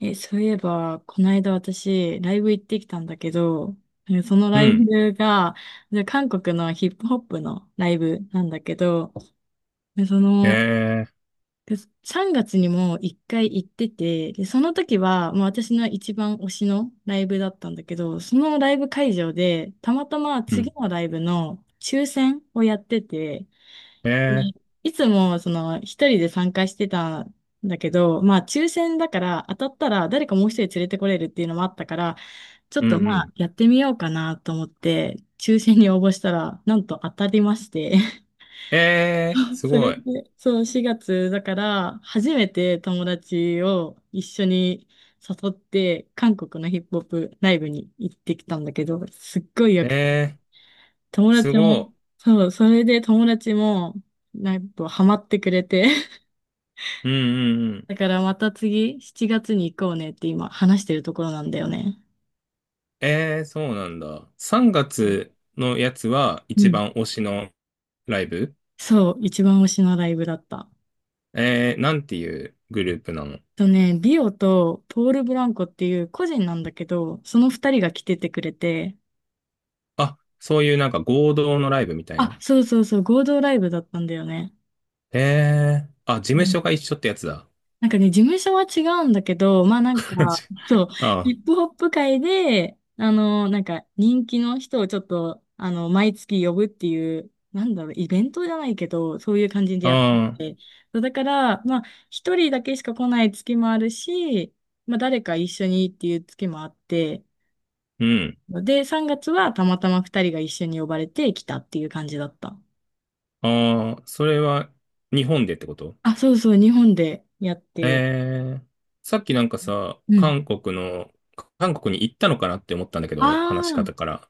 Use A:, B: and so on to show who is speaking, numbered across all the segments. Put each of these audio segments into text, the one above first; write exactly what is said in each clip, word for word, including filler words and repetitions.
A: え、そういえば、この間私、ライブ行ってきたんだけど、なんかその
B: う
A: ライ
B: ん。
A: ブが、で韓国のヒップホップのライブなんだけど、でその、
B: ええ、
A: でさんがつにも一回行ってて、で、その時は、もう私の一番推しのライブだったんだけど、そのライブ会場で、たまたま
B: う
A: 次
B: ん。
A: のライブの抽選をやってて、
B: ええ、
A: にいつもその一人で参加してたんだけど、まあ抽選だから当たったら誰かもう一人連れてこれるっていうのもあったから、ちょっ
B: う
A: と
B: んう
A: まあ
B: ん。
A: やってみようかなと思って、抽選に応募したら、なんと当たりまして。
B: ええ、 す
A: そ
B: ご
A: れ
B: い。
A: で、そう、しがつだから、初めて友達を一緒に誘って、韓国のヒップホップライブに行ってきたんだけど、すっごいよ
B: え
A: くて、
B: え、
A: 友
B: す
A: 達も、
B: ご
A: そう、それで友達も、なんかハマってくれて、
B: い。うんうんうん。
A: だからまた次、しちがつに行こうねって今話してるところなんだよね。
B: ええ、そうなんだ。さんがつのやつは
A: う
B: 一
A: ん。
B: 番推しのライブ？
A: そう、一番推しのライブだった。
B: ええ、なんていうグループなの？
A: とね、ビオとポール・ブランコっていう個人なんだけど、その二人が来ててくれて、
B: あ、そういうなんか合同のライブみたい
A: あ、
B: な。
A: そうそうそう、合同ライブだったんだよね。
B: ええ、あ、事務所が一緒ってやつだ。
A: なんかね、事務所は違うんだけど、まあなん か、
B: ち
A: そう、ヒ
B: あ
A: ップホップ界で、あの、なんか人気の人をちょっと、あの、毎月呼ぶっていう、なんだろう、イベントじゃないけど、そういう感じで
B: あ、
A: やっ
B: ああ、
A: てて。そうだから、まあ、一人だけしか来ない月もあるし、まあ、誰か一緒にっていう月もあって、
B: うん。
A: で、さんがつはたまたま二人が一緒に呼ばれて来たっていう感じだった。
B: ああ、それは日本でってこと？
A: あ、そうそう、日本でやって。
B: えー、さっきなんかさ、
A: うん。
B: 韓国の、韓国に行ったのかなって思ったんだけ
A: あ
B: ど、話し方
A: あ。
B: から。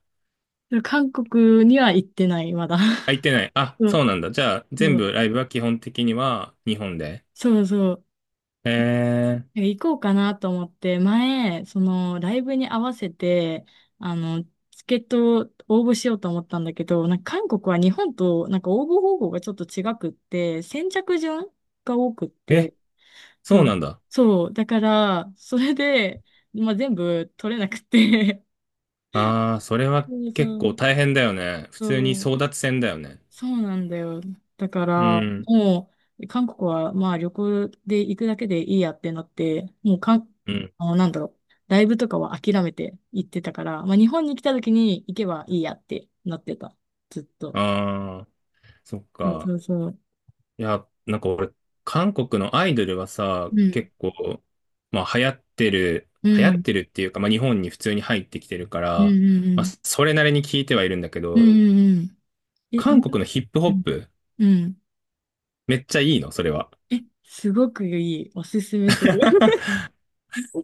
A: 韓国には行ってない、まだ。
B: あ、行っ てない。あ、
A: そう
B: そうなんだ。じゃあ、全
A: そう、
B: 部ライブは基本的には日本で。
A: そうそう。な
B: え
A: んか行こうかなと思って、前、その、ライブに合わせて、あの、チケットを応募しようと思ったんだけど、なんか韓国は日本と、なんか応募方法がちょっと違くって、先着順が多くっ
B: ー、え、
A: て、そ
B: そうな
A: う、
B: んだ。
A: そう、だから、それで、まあ、全部取れなくて、
B: あー、それ は
A: そう
B: 結
A: そ
B: 構
A: う、
B: 大変だよね。普通に
A: そう
B: 争奪戦だよね。
A: そうなんだよ。だか
B: う
A: ら、
B: ん、
A: もう、韓国は、まあ、旅行で行くだけでいいやってなって、もう、かん、
B: うん。
A: あの、なんだろう、ライブとかは諦めて行ってたから、まあ、日本に来た時に行けばいいやってなってた。ずっと。
B: あー、そっ
A: そうそ
B: か。
A: うそう。
B: いや、なんか俺、韓国のアイドルはさ、
A: うん。
B: 結構、まあ流行ってる、
A: う
B: 流行っ
A: ん。
B: てるっていうか、まあ日本に普通に入ってきてるか
A: うん
B: ら、
A: う
B: まあ
A: ん
B: それなりに聞いてはいるんだけ
A: うん。う
B: ど、
A: んうんうん。え、
B: 韓
A: なん、
B: 国のヒップホッ
A: うん。
B: プ、
A: うん、
B: めっちゃいいの、それは？
A: え、すごくいい。おすすめする。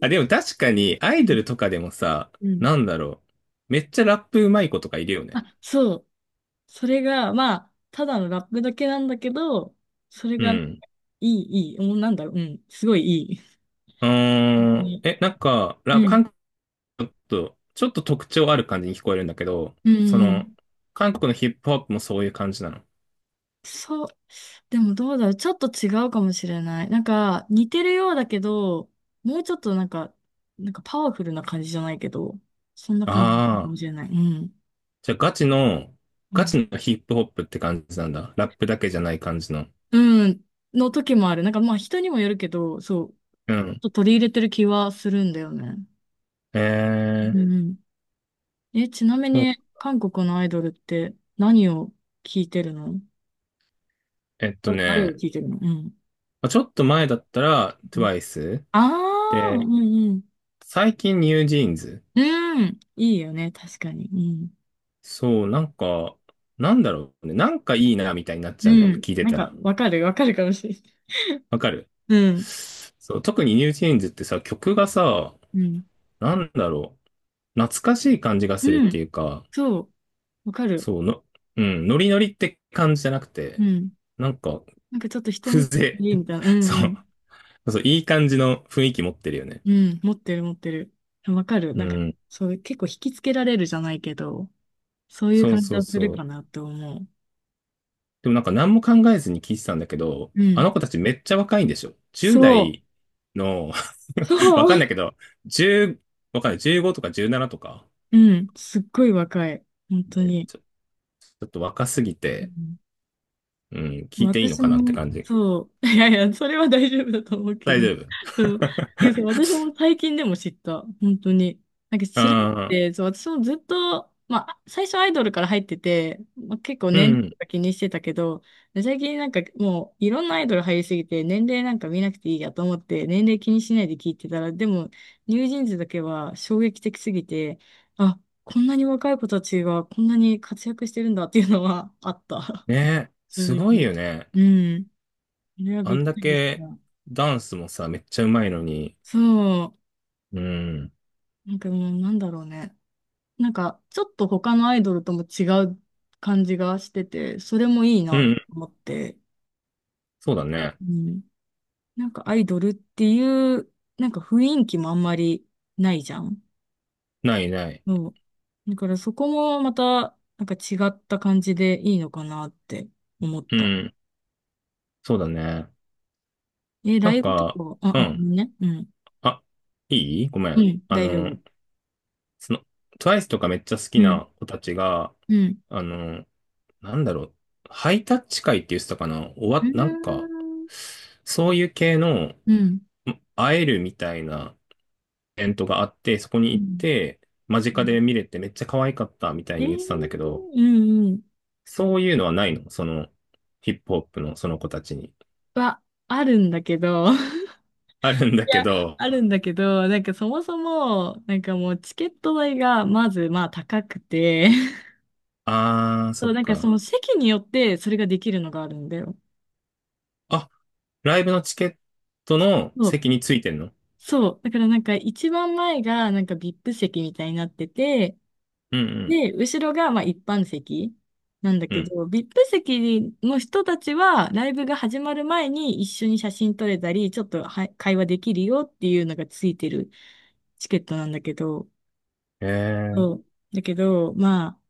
B: あ、でも確かにアイドルとかでもさ、
A: うん。
B: なんだろう。めっちゃラップうまい子とかいるよね。
A: あ、そう。それが、まあ、ただのラップだけなんだけど、それ
B: う
A: がね
B: ん。
A: いい、いい。もうなんだろう。うん。すごいいい。本
B: うー
A: 当
B: ん。
A: に、
B: え、なんか、ラ、
A: うん。
B: 韓国、ちょっと、ちょっと特徴ある感じに聞こえるんだけど、
A: う
B: そ
A: ん。う
B: の、
A: ん、
B: 韓国のヒップホップもそういう感じなの？
A: そう。でもどうだろう。ちょっと違うかもしれない。なんか、似てるようだけど、もうちょっとなんか、なんかパワフルな感じじゃないけど、そんな感じか
B: あ
A: も
B: あ、
A: しれない。うん。
B: じゃあガチの、
A: う
B: ガ
A: ん。
B: チのヒップホップって感じなんだ。ラップだけじゃない感じの。
A: うんの時もある。なんかまあ人にもよるけど、そう。
B: うん。
A: ちょっと取り入れてる気はするんだよね。
B: え
A: う
B: ー、
A: ん。え、ちなみ
B: そう、
A: に、韓国のアイドルって何を聞いてるの、
B: えっと
A: 誰誰を
B: ね、
A: 聞いてるの、うん。
B: まあちょっと前だったら トゥワイス
A: ああ、ー、う
B: で、
A: んうん。
B: 最近ニュージーンズ。
A: うん、いいよね、確かに。うん。
B: そう、なんか、なんだろうね。なんかいいなみたいになっ
A: う
B: ちゃうんだよね。
A: ん。
B: 聞いて
A: なん
B: た
A: か、
B: ら。
A: わかる、わかるかもしれない。
B: わかる？
A: うん。
B: そう、特にニュージーンズってさ、曲がさ、
A: うん。
B: なんだろう。懐かしい感じがするっ
A: う
B: て
A: ん。
B: いうか、
A: そう。わかる。
B: そうの、うん、ノリノリって感じじゃなく
A: う
B: て、
A: ん。
B: なんか、
A: なんかちょっと一昔
B: 風
A: いい
B: 情。
A: みたいな。うん
B: そ
A: うん。
B: う。そう、いい感じの雰囲気持ってるよね。
A: うん。持ってる、持ってる。わかる。
B: う
A: なんか、
B: ん。
A: そういう、結構引きつけられるじゃないけど、そういう
B: そう
A: 感じ
B: そう
A: はする
B: そ
A: か
B: う。
A: なって思う。
B: でもなんか何も考えずに聞いてたんだけど、
A: う
B: あ
A: ん。
B: の子たちめっちゃ若いんでしょ？ じゅう
A: そ
B: 代の
A: う。
B: わ
A: そ
B: かんない
A: う。
B: けど、1わかんない。じゅうごとかじゅうななとか。
A: うん、すっごい若い。本当
B: ね、
A: に。
B: ちょ、ちょっと若すぎ
A: う
B: て、
A: ん、
B: うん、聞いていいの
A: 私
B: かなって
A: も、
B: 感じ。
A: そう。いやいや、それは大丈夫だと思うけ
B: 大
A: ど。
B: 丈夫。
A: そう。いやそう私 も最近でも知った。本当に。なんか知らなく
B: ああ、
A: て、そう、私もずっと、まあ、最初アイドルから入ってて、まあ、結構
B: う
A: 年齢と
B: ん。
A: か気にしてたけど、最近なんかもういろんなアイドル入りすぎて、年齢なんか見なくていいやと思って、年齢気にしないで聞いてたら、でも、ニュージーンズだけは衝撃的すぎて、あ、こんなに若い子たちがこんなに活躍してるんだっていうのはあった。
B: ね、す
A: 続
B: ごい
A: き。
B: よね。
A: うん。それは
B: あ
A: びっ
B: ん
A: く
B: だ
A: りし
B: け
A: た。
B: ダンスもさ、めっちゃうまいのに。
A: そ
B: うん。
A: う。なんかもうなんだろうね。なんかちょっと他のアイドルとも違う感じがしてて、それもいい
B: う
A: なと
B: ん、
A: 思って。
B: そうだね。
A: うん。なんかアイドルっていう、なんか雰囲気もあんまりないじゃん。
B: ないない。
A: そう。だからそこもまた、なんか違った感じでいいのかなって思っ
B: う
A: た。
B: ん。そうだね。
A: え、
B: な
A: ラ
B: ん
A: イブと
B: か、
A: か、
B: う
A: あ、あ、ごめ
B: ん。
A: んね。うん。
B: あ、いい、ごめ
A: う
B: ん。
A: ん、
B: あ
A: 大丈夫。
B: の、その、トゥワイス とかめっちゃ好き
A: うん。
B: な子たちが、
A: うん。
B: あの、なんだろう。ハイタッチ会って言ってたかな、終わ
A: うー
B: っ、なんか、
A: ん。
B: そういう系の、ん
A: うん。
B: 会えるみたいなイベントがあって、そこに
A: う
B: 行っ
A: ん、
B: て、間近で見れてめっちゃ可愛かったみたい
A: えー、
B: に言ってたんだけど、
A: うんうん。
B: そういうのはないの？その、ヒップホップのその子たちに。
A: は、あるんだけど、い
B: あるんだけ
A: や、
B: ど、
A: あるんだけど、なんかそもそも、なんかもうチケット代がまずまあ高くて、
B: あー、
A: そ
B: そ
A: う、
B: っ
A: なんかそ
B: か。
A: の席によってそれができるのがあるんだよ。
B: あ、ライブのチケットの
A: そう。
B: 席についてんの？
A: そう。だからなんか一番前がなんか ブイアイピー 席みたいになってて、
B: うん
A: で、後ろがまあ一般席なんだ
B: うん、
A: け
B: うん。
A: ど、ブイアイピー 席の人たちはライブが始まる前に一緒に写真撮れたり、ちょっとは会話できるよっていうのがついてるチケットなんだけど、
B: えー。
A: そう。だけど、まあ、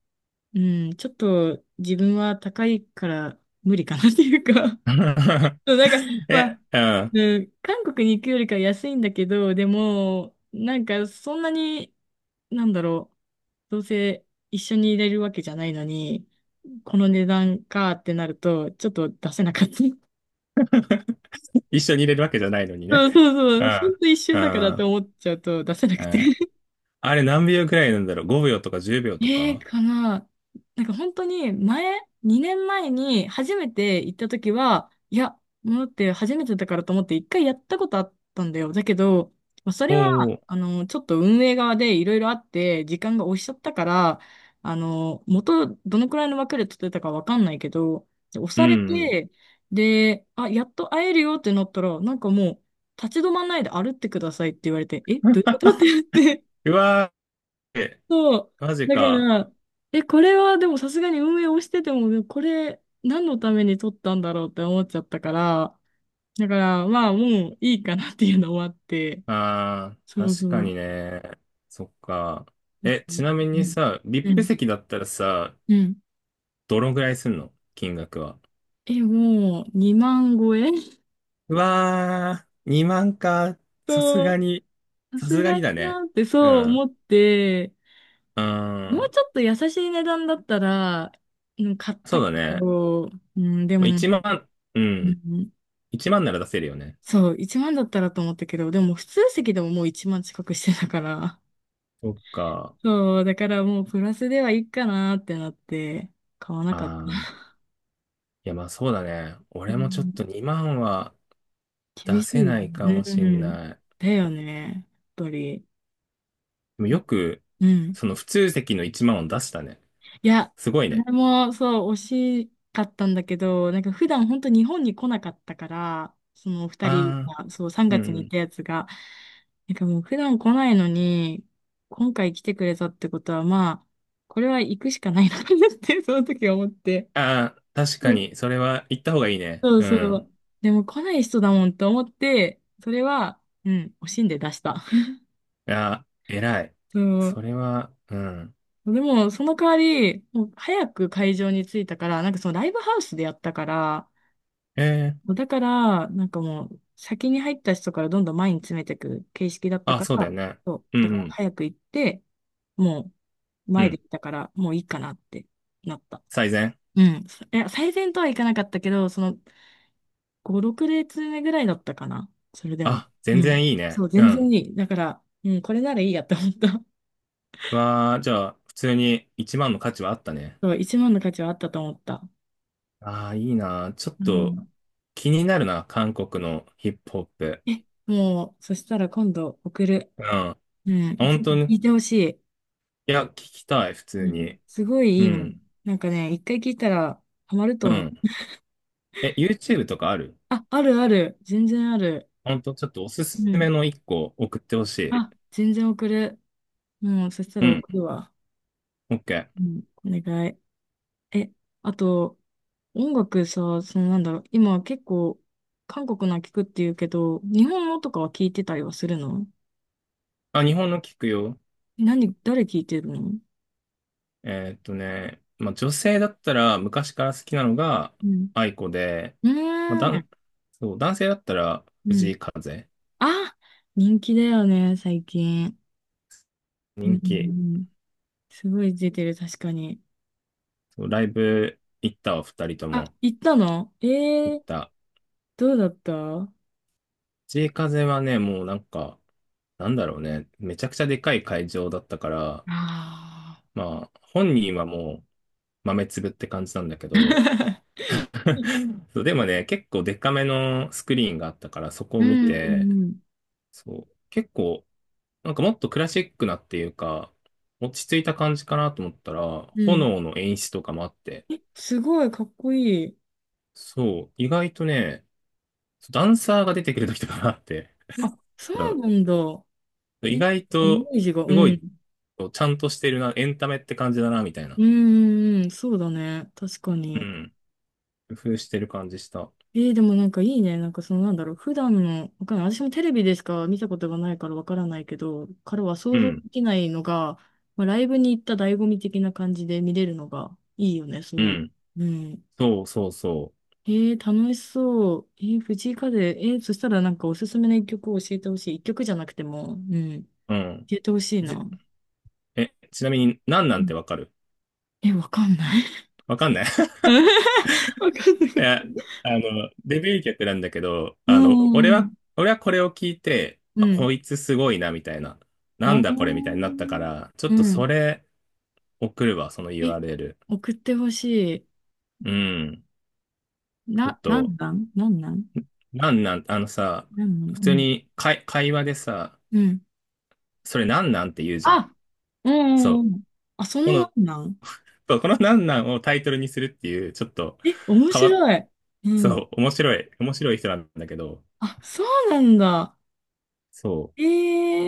A: うん、ちょっと自分は高いから無理かなっていうか。 そうなんか、ま
B: え、
A: あ、
B: うん。
A: うん、韓国に行くよりかは安いんだけど、でも、なんかそんなに、なんだろう、どうせ一緒にいれるわけじゃないのに、この値段かってなると、ちょっと出せなかった。
B: 一緒に入れるわけじゃないのにね。
A: そうそ
B: う
A: うそう。ほ
B: ん、
A: んと一
B: う
A: 瞬だか
B: ん、
A: ら
B: う
A: と
B: ん。
A: 思っちゃうと出せなくて。
B: あれ何秒くらいなんだろう？ ご 秒とかじゅうびょうと
A: えー、
B: か？
A: かな。なんか本当に前、にねんまえに初めて行った時は、いや、もうだって初めてだからと思って一回やったことあったんだよ。だけど、まあそ
B: お
A: れは、
B: お、
A: あの、ちょっと運営側でいろいろあって、時間が押しちゃったから、あの、元、どのくらいの枠で取ってたかわかんないけど、で押
B: う
A: され
B: ん、うん。
A: て、で、あ、やっと会えるよってなったら、なんかもう、立ち止まんないで歩ってくださいって言われて、え、どういうことって言って、
B: うわー、え、
A: そう。
B: マジ
A: だか
B: か。
A: ら、え、これはでもさすがに運営をしてても、これ何のために撮ったんだろうって思っちゃったから、だからまあもういいかなっていうのもあって、
B: あ
A: そ
B: あ、
A: うそ
B: 確かに
A: う。
B: ね。そっか。
A: だって、
B: え、ちなみ
A: う
B: に
A: ん。
B: さ、
A: う
B: ブイアイピー
A: ん。
B: 席だったらさ、
A: うん、
B: どのぐらいすんの、金額は？
A: え、もうにまん超え。
B: うわー、にまんか。さす
A: と、
B: がに、
A: さ
B: さす
A: す
B: が
A: がだ
B: にだね。
A: なって
B: う
A: そう
B: ん。
A: 思って、
B: うー
A: もう
B: ん。
A: ちょっと優しい値段だったら、うん、買っ
B: そ
A: た
B: う
A: け
B: だね。
A: ど、うん、で
B: まあ
A: も、
B: いちまん、う
A: う
B: ん。
A: ん、
B: いちまんなら出せるよね。
A: そう、いちまんだったらと思ったけど、でも普通席でももういちまん近くしてたから、
B: そっか。
A: そう、だからもうプラスではいいかなってなって、買わなかった。
B: あー。いや、まあそうだね。
A: う
B: 俺もちょっ
A: ん、
B: とにまんは
A: 厳
B: 出
A: しい
B: せ
A: よ
B: ないか
A: ね。
B: も
A: う
B: しん
A: ん。
B: ない。で
A: だよね、やっぱり。
B: もよく、
A: うん。
B: その普通席のいちまんを出したね。
A: いや、
B: すごい
A: そ
B: ね。
A: れもそう、惜しかったんだけど、なんか普段本当日本に来なかったから、そのお二人
B: あ
A: が、そう、3
B: ー、う
A: 月に行っ
B: ん。
A: たやつが、なんかもう普段来ないのに、今回来てくれたってことは、まあ、これは行くしかないのかなって、その時思って。
B: あー、確か
A: うん、
B: に、それは言った方がいいね。
A: そう
B: う
A: そ
B: ん。
A: う。でも来ない人だもんと思って、それは、うん、惜しんで出した。
B: ああ、偉い。
A: そう。
B: それは、うん。
A: でも、その代わり、もう早く会場に着いたから、なんかそのライブハウスでやったから、
B: ええ、
A: もうだから、なんかもう、先に入った人からどんどん前に詰めていく形式だった
B: あ、
A: か
B: そうだ
A: ら、
B: よね。
A: そう、
B: うん
A: だか
B: う
A: ら
B: ん。
A: 早く行って、もう、
B: う
A: 前で
B: ん。
A: 行ったから、もういいかなってなった。
B: 最善。
A: うん。そいや、最善とはいかなかったけど、その、ご、ろく列目ぐらいだったかな。それでも。
B: あ、全
A: うん。
B: 然いい
A: そ
B: ね。
A: う、
B: う
A: 全然
B: ん。
A: いい。だから、うん、これならいいやって思った。
B: わあ、じゃあ、普通にいちまんの価値はあった ね。
A: そう、一万の価値はあったと思った。
B: ああ、いいな。ちょっ
A: う
B: と
A: ん。
B: 気になるな。韓国のヒップホップ。
A: え、もう、そしたら今度送る。
B: うん。
A: うん。ぜ
B: 本当
A: ひ聞
B: に。
A: いてほしい。
B: いや、聞きたい、普
A: う
B: 通
A: ん。
B: に。
A: すごい
B: う
A: いいもん。
B: ん。
A: なんかね、いっかい聞いたらハマると
B: う
A: 思う。
B: ん。え、ユーチューブ とかある？
A: あ、あるある。全然ある。
B: 本当ちょっとおす
A: う
B: すめ
A: ん。
B: のいっこ送ってほしい。
A: あ、全然送る。もう、そした
B: う
A: ら
B: ん。
A: 送るわ。
B: OK。
A: うん。お願い。え、あと、音楽さ、そのなんだろう、今結構、韓国の聞くって言うけど、日本のとかは聞いてたりはするの？
B: あ、日本の聞くよ。
A: 何、誰聞いてるの？
B: えーっとね、まあ、女性だったら昔から好きなのが
A: うん。
B: 愛子で、
A: う
B: まあ、
A: ー
B: 男、
A: ん。
B: そう、男性だったら
A: う
B: 藤
A: ん。
B: 井風、
A: あ、人気だよね、最近。うん
B: 人
A: うん
B: 気。
A: うん。すごい出てる、確かに。
B: そう、ライブ行ったわ、ふたりと
A: あ、
B: も
A: 行ったの？え
B: 行っ
A: ー、
B: た。
A: どうだったあ？
B: 藤井風はね、もうなんか、なんだろうね、めちゃくちゃでかい会場だったから、
A: あ
B: まあ、本人はもう豆粒って感じなんだけど、そう、でもね、結構でかめのスクリーンがあったから、そこ
A: ー、
B: を見
A: う
B: て、
A: んうん
B: そう、結構なんかもっとクラシックなっていうか、落ち着いた感じかなと思ったら、
A: うん。うん。
B: 炎の演出とかもあって、
A: え、すごいかっこいい。
B: そう、意外とね、ダンサーが出てくる時とかもあって、
A: あ、そ う
B: そ
A: なんだ。
B: う
A: え、
B: 意外
A: イメ
B: と、
A: ージが、う
B: すご
A: ん。
B: い、ちゃんとしてるな、エンタメって感じだな、みたい
A: う
B: な。
A: ん、うんうん、そうだね。確か
B: う
A: に。
B: ん。工夫してる感じした。
A: えーでもなんかいいね。なんかそのなんだろう。普段の、わかんない。私もテレビでしか見たことがないからわからないけど、からは
B: う
A: 想像
B: ん。
A: できないのが、まあ、ライブに行った醍醐味的な感じで見れるのがいいよね。そ
B: う
A: ういう。
B: ん。
A: うん。
B: そうそうそ
A: ええ楽しそう。ええ藤井風。ええそしたらなんかおすすめの一曲を教えてほしい。一曲じゃなくても、うん、教
B: う。うん。
A: えてほしい
B: じ、
A: な。
B: え、ちなみに、なんな
A: う
B: ん
A: ん。
B: てわかる？
A: え、わかんない。
B: わかんない？
A: わかんな
B: い
A: い。
B: や、あの、デビュー曲なんだけど、
A: う
B: あの、
A: んう
B: 俺は、
A: ん
B: 俺はこれを聞いて、
A: う
B: あ、
A: ん。うん。
B: こいつすごいな、みたいな。な
A: あ
B: んだこれ、みたいになったか
A: ー
B: ら、ちょ
A: う
B: っとそ
A: ん。
B: れ送るわ、その
A: え、
B: ユーアールエル。
A: 送ってほし
B: うん。
A: い。
B: ちょっ
A: な、なん
B: と、
A: なんなんなん
B: なんなん、あのさ、
A: なん
B: 普
A: な
B: 通
A: ん？
B: に会、会話でさ、
A: うん。うん。
B: それなんなんって言うじゃん。
A: あ、うん
B: そ
A: うん
B: う。
A: うん。あ、そ
B: こ
A: のな
B: の、
A: んなん。
B: そう、このなんなんをタイトルにするっていう、ちょっと
A: え、面
B: 変わっ、
A: 白い。うん。
B: そう、面白い、面白い人なんだけど、
A: あ、そうなんだ。
B: そ
A: ええ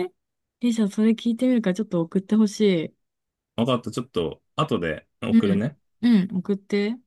A: え、じゃあそれ聞いてみるからちょっと送ってほしい。
B: う。わかった、ちょっと、後で
A: う
B: 送る
A: ん。
B: ね。
A: うん、送って。